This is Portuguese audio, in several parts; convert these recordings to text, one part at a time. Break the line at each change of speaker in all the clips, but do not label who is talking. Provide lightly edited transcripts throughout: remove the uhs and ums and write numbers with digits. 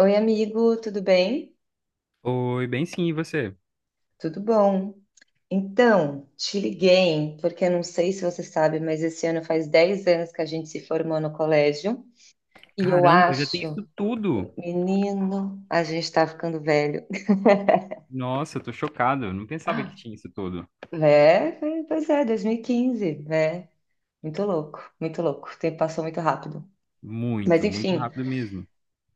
Oi, amigo, tudo bem?
Oi, bem sim, e você?
Tudo bom. Então, te liguei, porque eu não sei se você sabe, mas esse ano faz 10 anos que a gente se formou no colégio. E eu
Caramba, já tem
acho,
isso tudo!
menino, a gente tá ficando velho.
Nossa, eu tô chocado, eu não pensava que tinha isso tudo.
É, pois é, 2015, né? Muito louco, muito louco. O tempo passou muito rápido. Mas
Muito, muito
enfim,
rápido mesmo.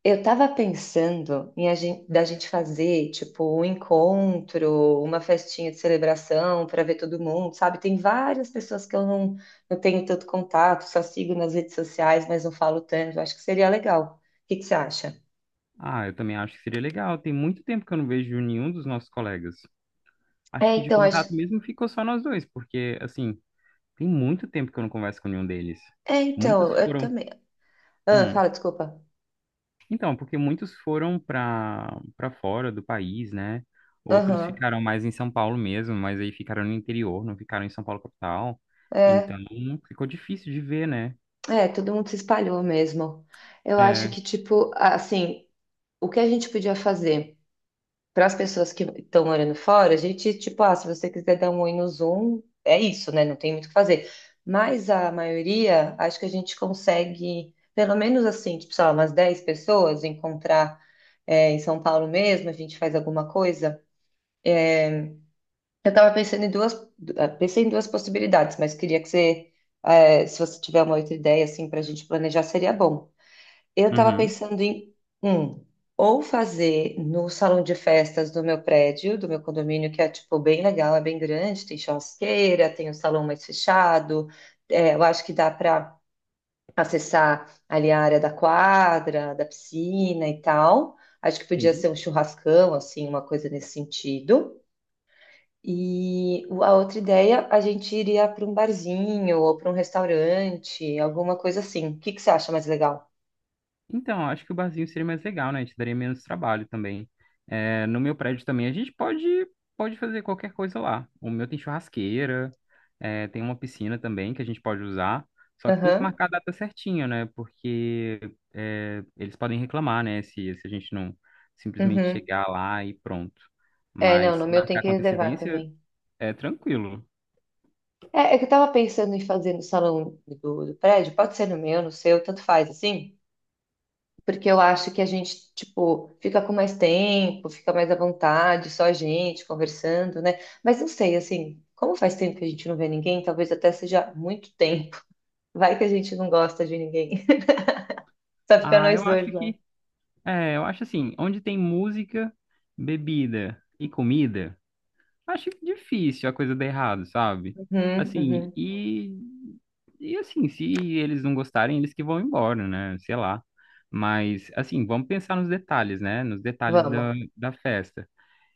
eu tava pensando em da gente fazer, tipo, um encontro, uma festinha de celebração para ver todo mundo, sabe? Tem várias pessoas que eu não, não tenho tanto contato, só sigo nas redes sociais, mas não falo tanto. Acho que seria legal. O que que você acha?
Ah, eu também acho que seria legal. Tem muito tempo que eu não vejo nenhum dos nossos colegas. Acho
É,
que de
então,
contato
acho.
mesmo ficou só nós dois, porque, assim, tem muito tempo que eu não converso com nenhum deles.
É,
Muitos
então, eu
foram.
também. Ah,
Hum.
fala, desculpa.
Então, porque muitos foram para fora do país, né? Outros
Aham.
ficaram mais em São Paulo mesmo, mas aí ficaram no interior, não ficaram em São Paulo capital. Então,
É,
ficou difícil de ver, né?
é, todo mundo se espalhou mesmo. Eu acho
É.
que, tipo, assim, o que a gente podia fazer? Para as pessoas que estão morando fora, a gente, tipo, ah, se você quiser dar um oi no Zoom, é isso, né? Não tem muito o que fazer. Mas a maioria, acho que a gente consegue, pelo menos assim, tipo, sei lá, umas 10 pessoas, encontrar, é, em São Paulo mesmo, a gente faz alguma coisa. Eh, Eu estava pensando em pensei em duas possibilidades, mas queria que se você tiver uma outra ideia, assim, para a gente planejar, seria bom. Eu estava
Uhum.
pensando em um, ou fazer no salão de festas do meu prédio, do meu condomínio, que é tipo bem legal, é bem grande, tem churrasqueira, tem o salão mais fechado. É, eu acho que dá para acessar ali a área da quadra, da piscina e tal. Acho que podia ser
Sim.
um churrascão, assim, uma coisa nesse sentido. A outra ideia, a gente iria para um barzinho ou para um restaurante, alguma coisa assim. O que que você acha mais legal?
Então, acho que o barzinho seria mais legal, né? A gente daria menos trabalho também. É, no meu prédio também a gente pode, pode fazer qualquer coisa lá. O meu tem churrasqueira, é, tem uma piscina também que a gente pode usar. Só que tem que
Aham.
marcar a data certinha, né? Porque é, eles podem reclamar, né? Se a gente não simplesmente
Uhum.
chegar lá e pronto.
É, não,
Mas
no
se
meu tem
marcar
que
com
reservar
antecedência,
também.
é tranquilo.
É, é que eu tava pensando em fazer no salão do prédio, pode ser no meu, no seu, tanto faz, assim, porque eu acho que a gente, tipo, fica com mais tempo, fica mais à vontade, só a gente conversando, né? Mas não sei, assim, como faz tempo que a gente não vê ninguém, talvez até seja muito tempo. Vai que a gente não gosta de ninguém, só fica
Ah, eu
nós dois
acho
lá.
que. É, eu acho assim, onde tem música, bebida e comida. Acho difícil a coisa dar errado, sabe?
Uhum,
Assim,
uhum.
e assim, se eles não gostarem, eles que vão embora, né? Sei lá. Mas, assim, vamos pensar nos detalhes, né? Nos detalhes
Vamos.
da festa.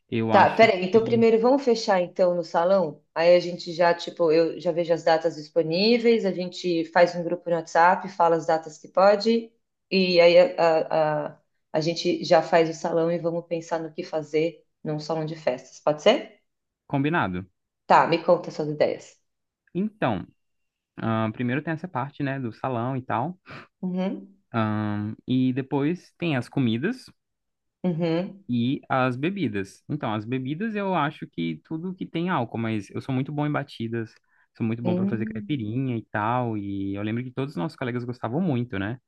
Eu
Tá,
acho
peraí. Então,
que.
primeiro vamos fechar então no salão. Aí a gente já, tipo, eu já vejo as datas disponíveis, a gente faz um grupo no WhatsApp, fala as datas que pode, e aí a gente já faz o salão e vamos pensar no que fazer num salão de festas. Pode ser?
Combinado.
Tá, me conta suas ideias.
Então, primeiro tem essa parte, né, do salão e tal.
Uhum,
E depois tem as comidas.
uhum,
E as bebidas. Então, as bebidas eu acho que tudo que tem álcool, mas eu sou muito bom em batidas, sou muito bom para fazer
hum,
caipirinha e tal. E eu lembro que todos os nossos colegas gostavam muito, né?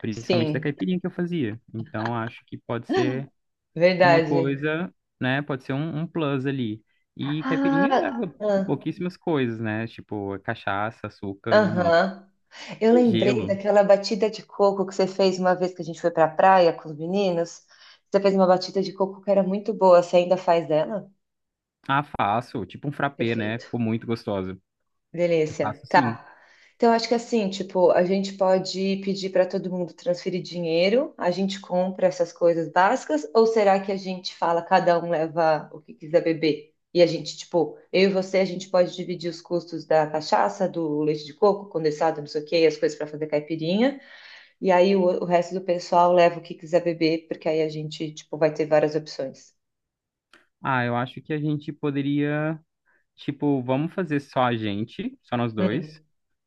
Principalmente da
sim,
caipirinha que eu fazia. Então, acho que pode ser uma
verdade.
coisa, né? Pode ser um plus ali. E caipirinha
Ah,
leva
ah,
pouquíssimas coisas, né? Tipo, é cachaça, açúcar, limão
aham. Eu
e
lembrei
gelo.
daquela batida de coco que você fez uma vez que a gente foi pra praia com os meninos. Você fez uma batida de coco que era muito boa. Você ainda faz dela?
Ah, faço, tipo um frappé, né?
Perfeito.
Ficou muito gostoso. Eu
Delícia.
faço sim.
Tá. Então, acho que assim, tipo, a gente pode pedir para todo mundo transferir dinheiro, a gente compra essas coisas básicas, ou será que a gente fala, cada um leva o que quiser beber? E a gente, tipo, eu e você, a gente pode dividir os custos da cachaça, do leite de coco, condensado, não sei o quê, e as coisas para fazer caipirinha. E aí o resto do pessoal leva o que quiser beber, porque aí a gente, tipo, vai ter várias opções.
Ah, eu acho que a gente poderia. Tipo, vamos fazer só a gente, só nós dois.
Hum,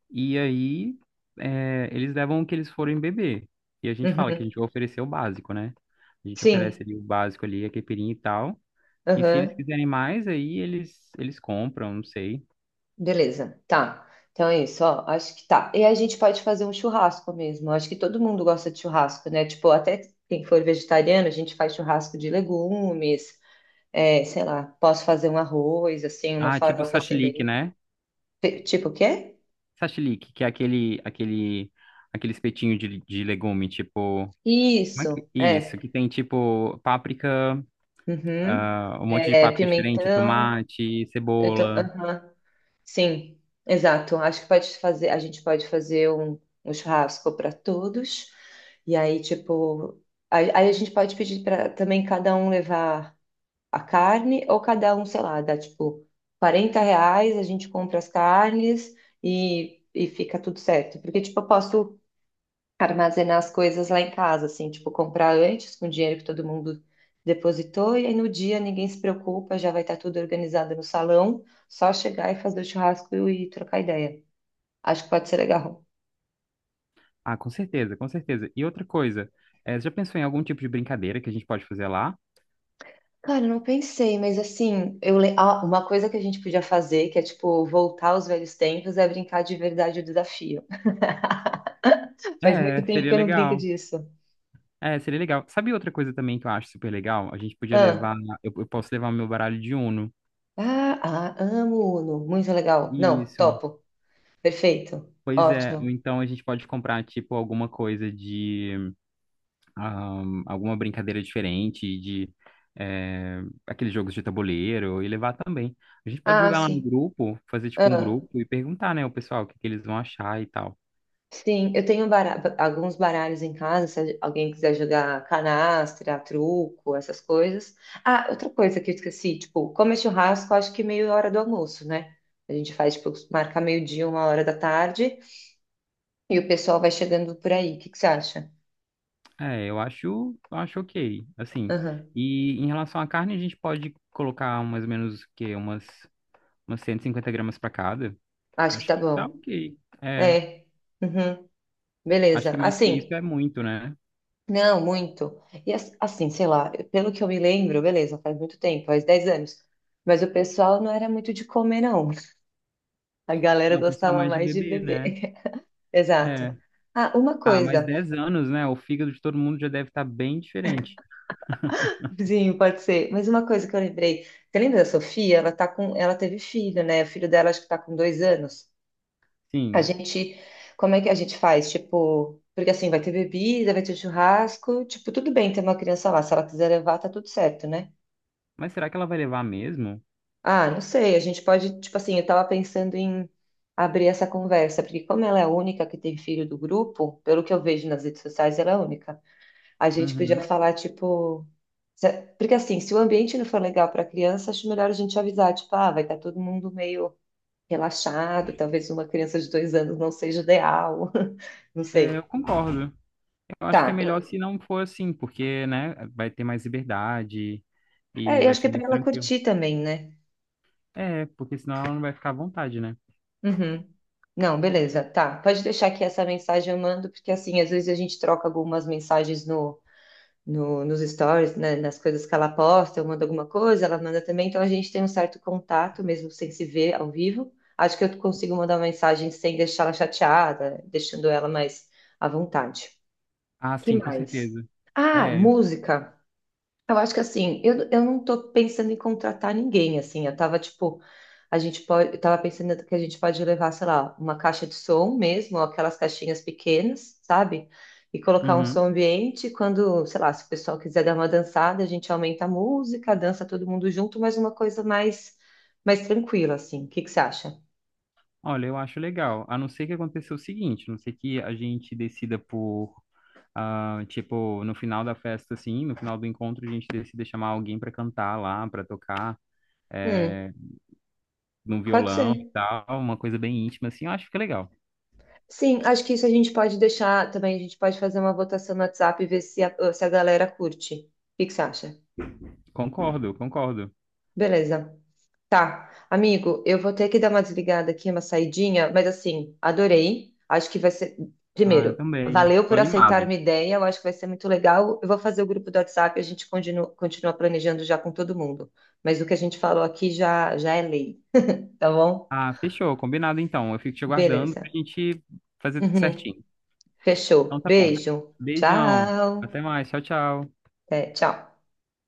E aí, é, eles levam o que eles forem beber. E a gente fala que a
uhum,
gente vai oferecer o básico, né? A gente oferece
sim,
ali o básico ali, a caipirinha e tal. E se eles
uhum,
quiserem mais, aí eles compram, não sei.
beleza, tá. Então é isso, ó, acho que tá. E a gente pode fazer um churrasco mesmo. Acho que todo mundo gosta de churrasco, né? Tipo, até quem for vegetariano, a gente faz churrasco de legumes, é, sei lá, posso fazer um arroz, assim, uma
Ah, tipo
farofa sem
sashlik,
bem.
né?
Tipo o quê?
Sashlik, que é aquele, aquele, espetinho de legume, tipo... Como é que...
Isso,
Isso, que
é.
tem tipo páprica,
Uhum.
ah, um monte de
É,
páprica diferente,
pimentão.
tomate,
Eu tô,
cebola.
aham. Sim, exato. Acho que pode fazer, a gente pode fazer um churrasco para todos. E aí, tipo, aí a gente pode pedir para também cada um levar a carne, ou cada um, sei lá, dá tipo 40 reais, a gente compra as carnes e fica tudo certo. Porque, tipo, eu posso armazenar as coisas lá em casa, assim, tipo, comprar antes com o dinheiro que todo mundo depositou, e aí no dia ninguém se preocupa, já vai estar tudo organizado no salão, só chegar e fazer o churrasco e trocar ideia. Acho que pode ser legal.
Ah, com certeza, com certeza. E outra coisa, já pensou em algum tipo de brincadeira que a gente pode fazer lá?
Cara, eu não pensei, mas assim, ah, uma coisa que a gente podia fazer, que é tipo voltar aos velhos tempos, é brincar de verdade o desafio. Faz
É,
muito tempo
seria
que eu não brinco
legal.
disso.
É, seria legal. Sabe outra coisa também que eu acho super legal? A gente podia
Ah,
levar, eu posso levar meu baralho de Uno.
ah, ah, amo Uno, muito legal. Não,
Isso.
topo. Perfeito.
Pois é, ou
Ótimo.
então a gente pode comprar, tipo, alguma coisa de, alguma brincadeira diferente, de, eh, aqueles jogos de tabuleiro, e levar também. A gente pode
Ah,
jogar lá no
sim.
grupo, fazer, tipo, um
Ah.
grupo e perguntar, né, o pessoal o que que eles vão achar e tal.
Sim, eu tenho alguns baralhos em casa, se alguém quiser jogar canastra, truco, essas coisas. Ah, outra coisa que eu esqueci, tipo, como é churrasco, acho que meia hora do almoço, né? A gente faz, tipo, marca meio-dia, 1 hora da tarde, e o pessoal vai chegando por aí. O que que você acha?
É, eu acho ok, assim.
Aham.
E em relação à carne, a gente pode colocar mais ou menos o quê? Umas 150 gramas para cada.
Acho que
Acho
tá
que tá
bom.
ok. É,
É, uhum,
acho
beleza.
que mais que isso
Assim,
é muito, né?
não, muito. Assim, sei lá, pelo que eu me lembro, beleza, faz muito tempo, faz 10 anos. Mas o pessoal não era muito de comer, não. A galera
Não, precisa
gostava
mais de
mais de
bebê,
beber.
né?
Exato.
É.
Ah, uma
Ah, mais
coisa,
10 anos, né? O fígado de todo mundo já deve estar bem diferente.
sim, pode ser, mas uma coisa que eu lembrei. Você lembra da Sofia? Ela teve filho, né? O filho dela acho que tá com 2 anos. A
Sim.
gente, como é que a gente faz? Tipo, porque assim, vai ter bebida, vai ter churrasco, tipo, tudo bem ter uma criança lá. Se ela quiser levar, tá tudo certo, né?
Mas será que ela vai levar mesmo?
Ah, não sei, a gente pode, tipo assim, eu tava pensando em abrir essa conversa, porque como ela é a única que tem filho do grupo, pelo que eu vejo nas redes sociais, ela é a única. A gente podia
Uhum.
falar, tipo. Porque assim, se o ambiente não for legal para a criança, acho melhor a gente avisar, tipo, ah, vai estar todo mundo meio relaxado, talvez uma criança de 2 anos não seja ideal, não
É, eu
sei.
concordo. Eu acho que é
Tá,
melhor se não for assim, porque, né, vai ter mais liberdade
é,
e
eu
vai
acho que
ser
é para
mais
ela
tranquilo.
curtir também, né?
É, porque senão ela não vai ficar à vontade, né?
Uhum. Não, beleza, tá. Pode deixar que essa mensagem eu mando, porque assim, às vezes a gente troca algumas mensagens nos stories, né, nas coisas que ela posta, eu mando alguma coisa, ela manda também, então a gente tem um certo contato, mesmo sem se ver ao vivo. Acho que eu consigo mandar uma mensagem sem deixar ela chateada, deixando ela mais à vontade.
Ah,
Que
sim, com
mais?
certeza.
Ah,
É.
música. Eu acho que assim, eu não tô pensando em contratar ninguém, assim, eu tava tipo, a gente pode, eu tava pensando que a gente pode levar, sei lá, uma caixa de som mesmo, ou aquelas caixinhas pequenas, sabe? E colocar um
Uhum.
som ambiente, quando, sei lá, se o pessoal quiser dar uma dançada, a gente aumenta a música, dança todo mundo junto, mas uma coisa mais tranquila, assim. O que que você acha?
Olha, eu acho legal. A não ser que aconteça o seguinte, a não ser que a gente decida por, ah, tipo, no final da festa, assim, no final do encontro, a gente decida chamar alguém pra cantar lá, pra tocar,
Hum,
é, num
pode
violão e
ser.
tal, uma coisa bem íntima, assim, eu acho que fica legal.
Sim, acho que isso a gente pode deixar também, a gente pode fazer uma votação no WhatsApp e ver se se a galera curte. O que que você acha?
Concordo, concordo.
Beleza. Tá, amigo, eu vou ter que dar uma desligada aqui, uma saidinha, mas assim, adorei. Acho que vai ser.
Ah, eu
Primeiro,
também.
valeu
Tô
por aceitar
animado.
minha ideia, eu acho que vai ser muito legal. Eu vou fazer o grupo do WhatsApp, a gente continua, continua planejando já com todo mundo. Mas o que a gente falou aqui já, já é lei, tá bom?
Ah, fechou, combinado então. Eu fico te aguardando pra
Beleza.
gente fazer tudo
Uhum.
certinho. Então
Fechou.
tá bom.
Beijo.
Beijão. Até
Tchau.
mais. Tchau, tchau.
É, tchau.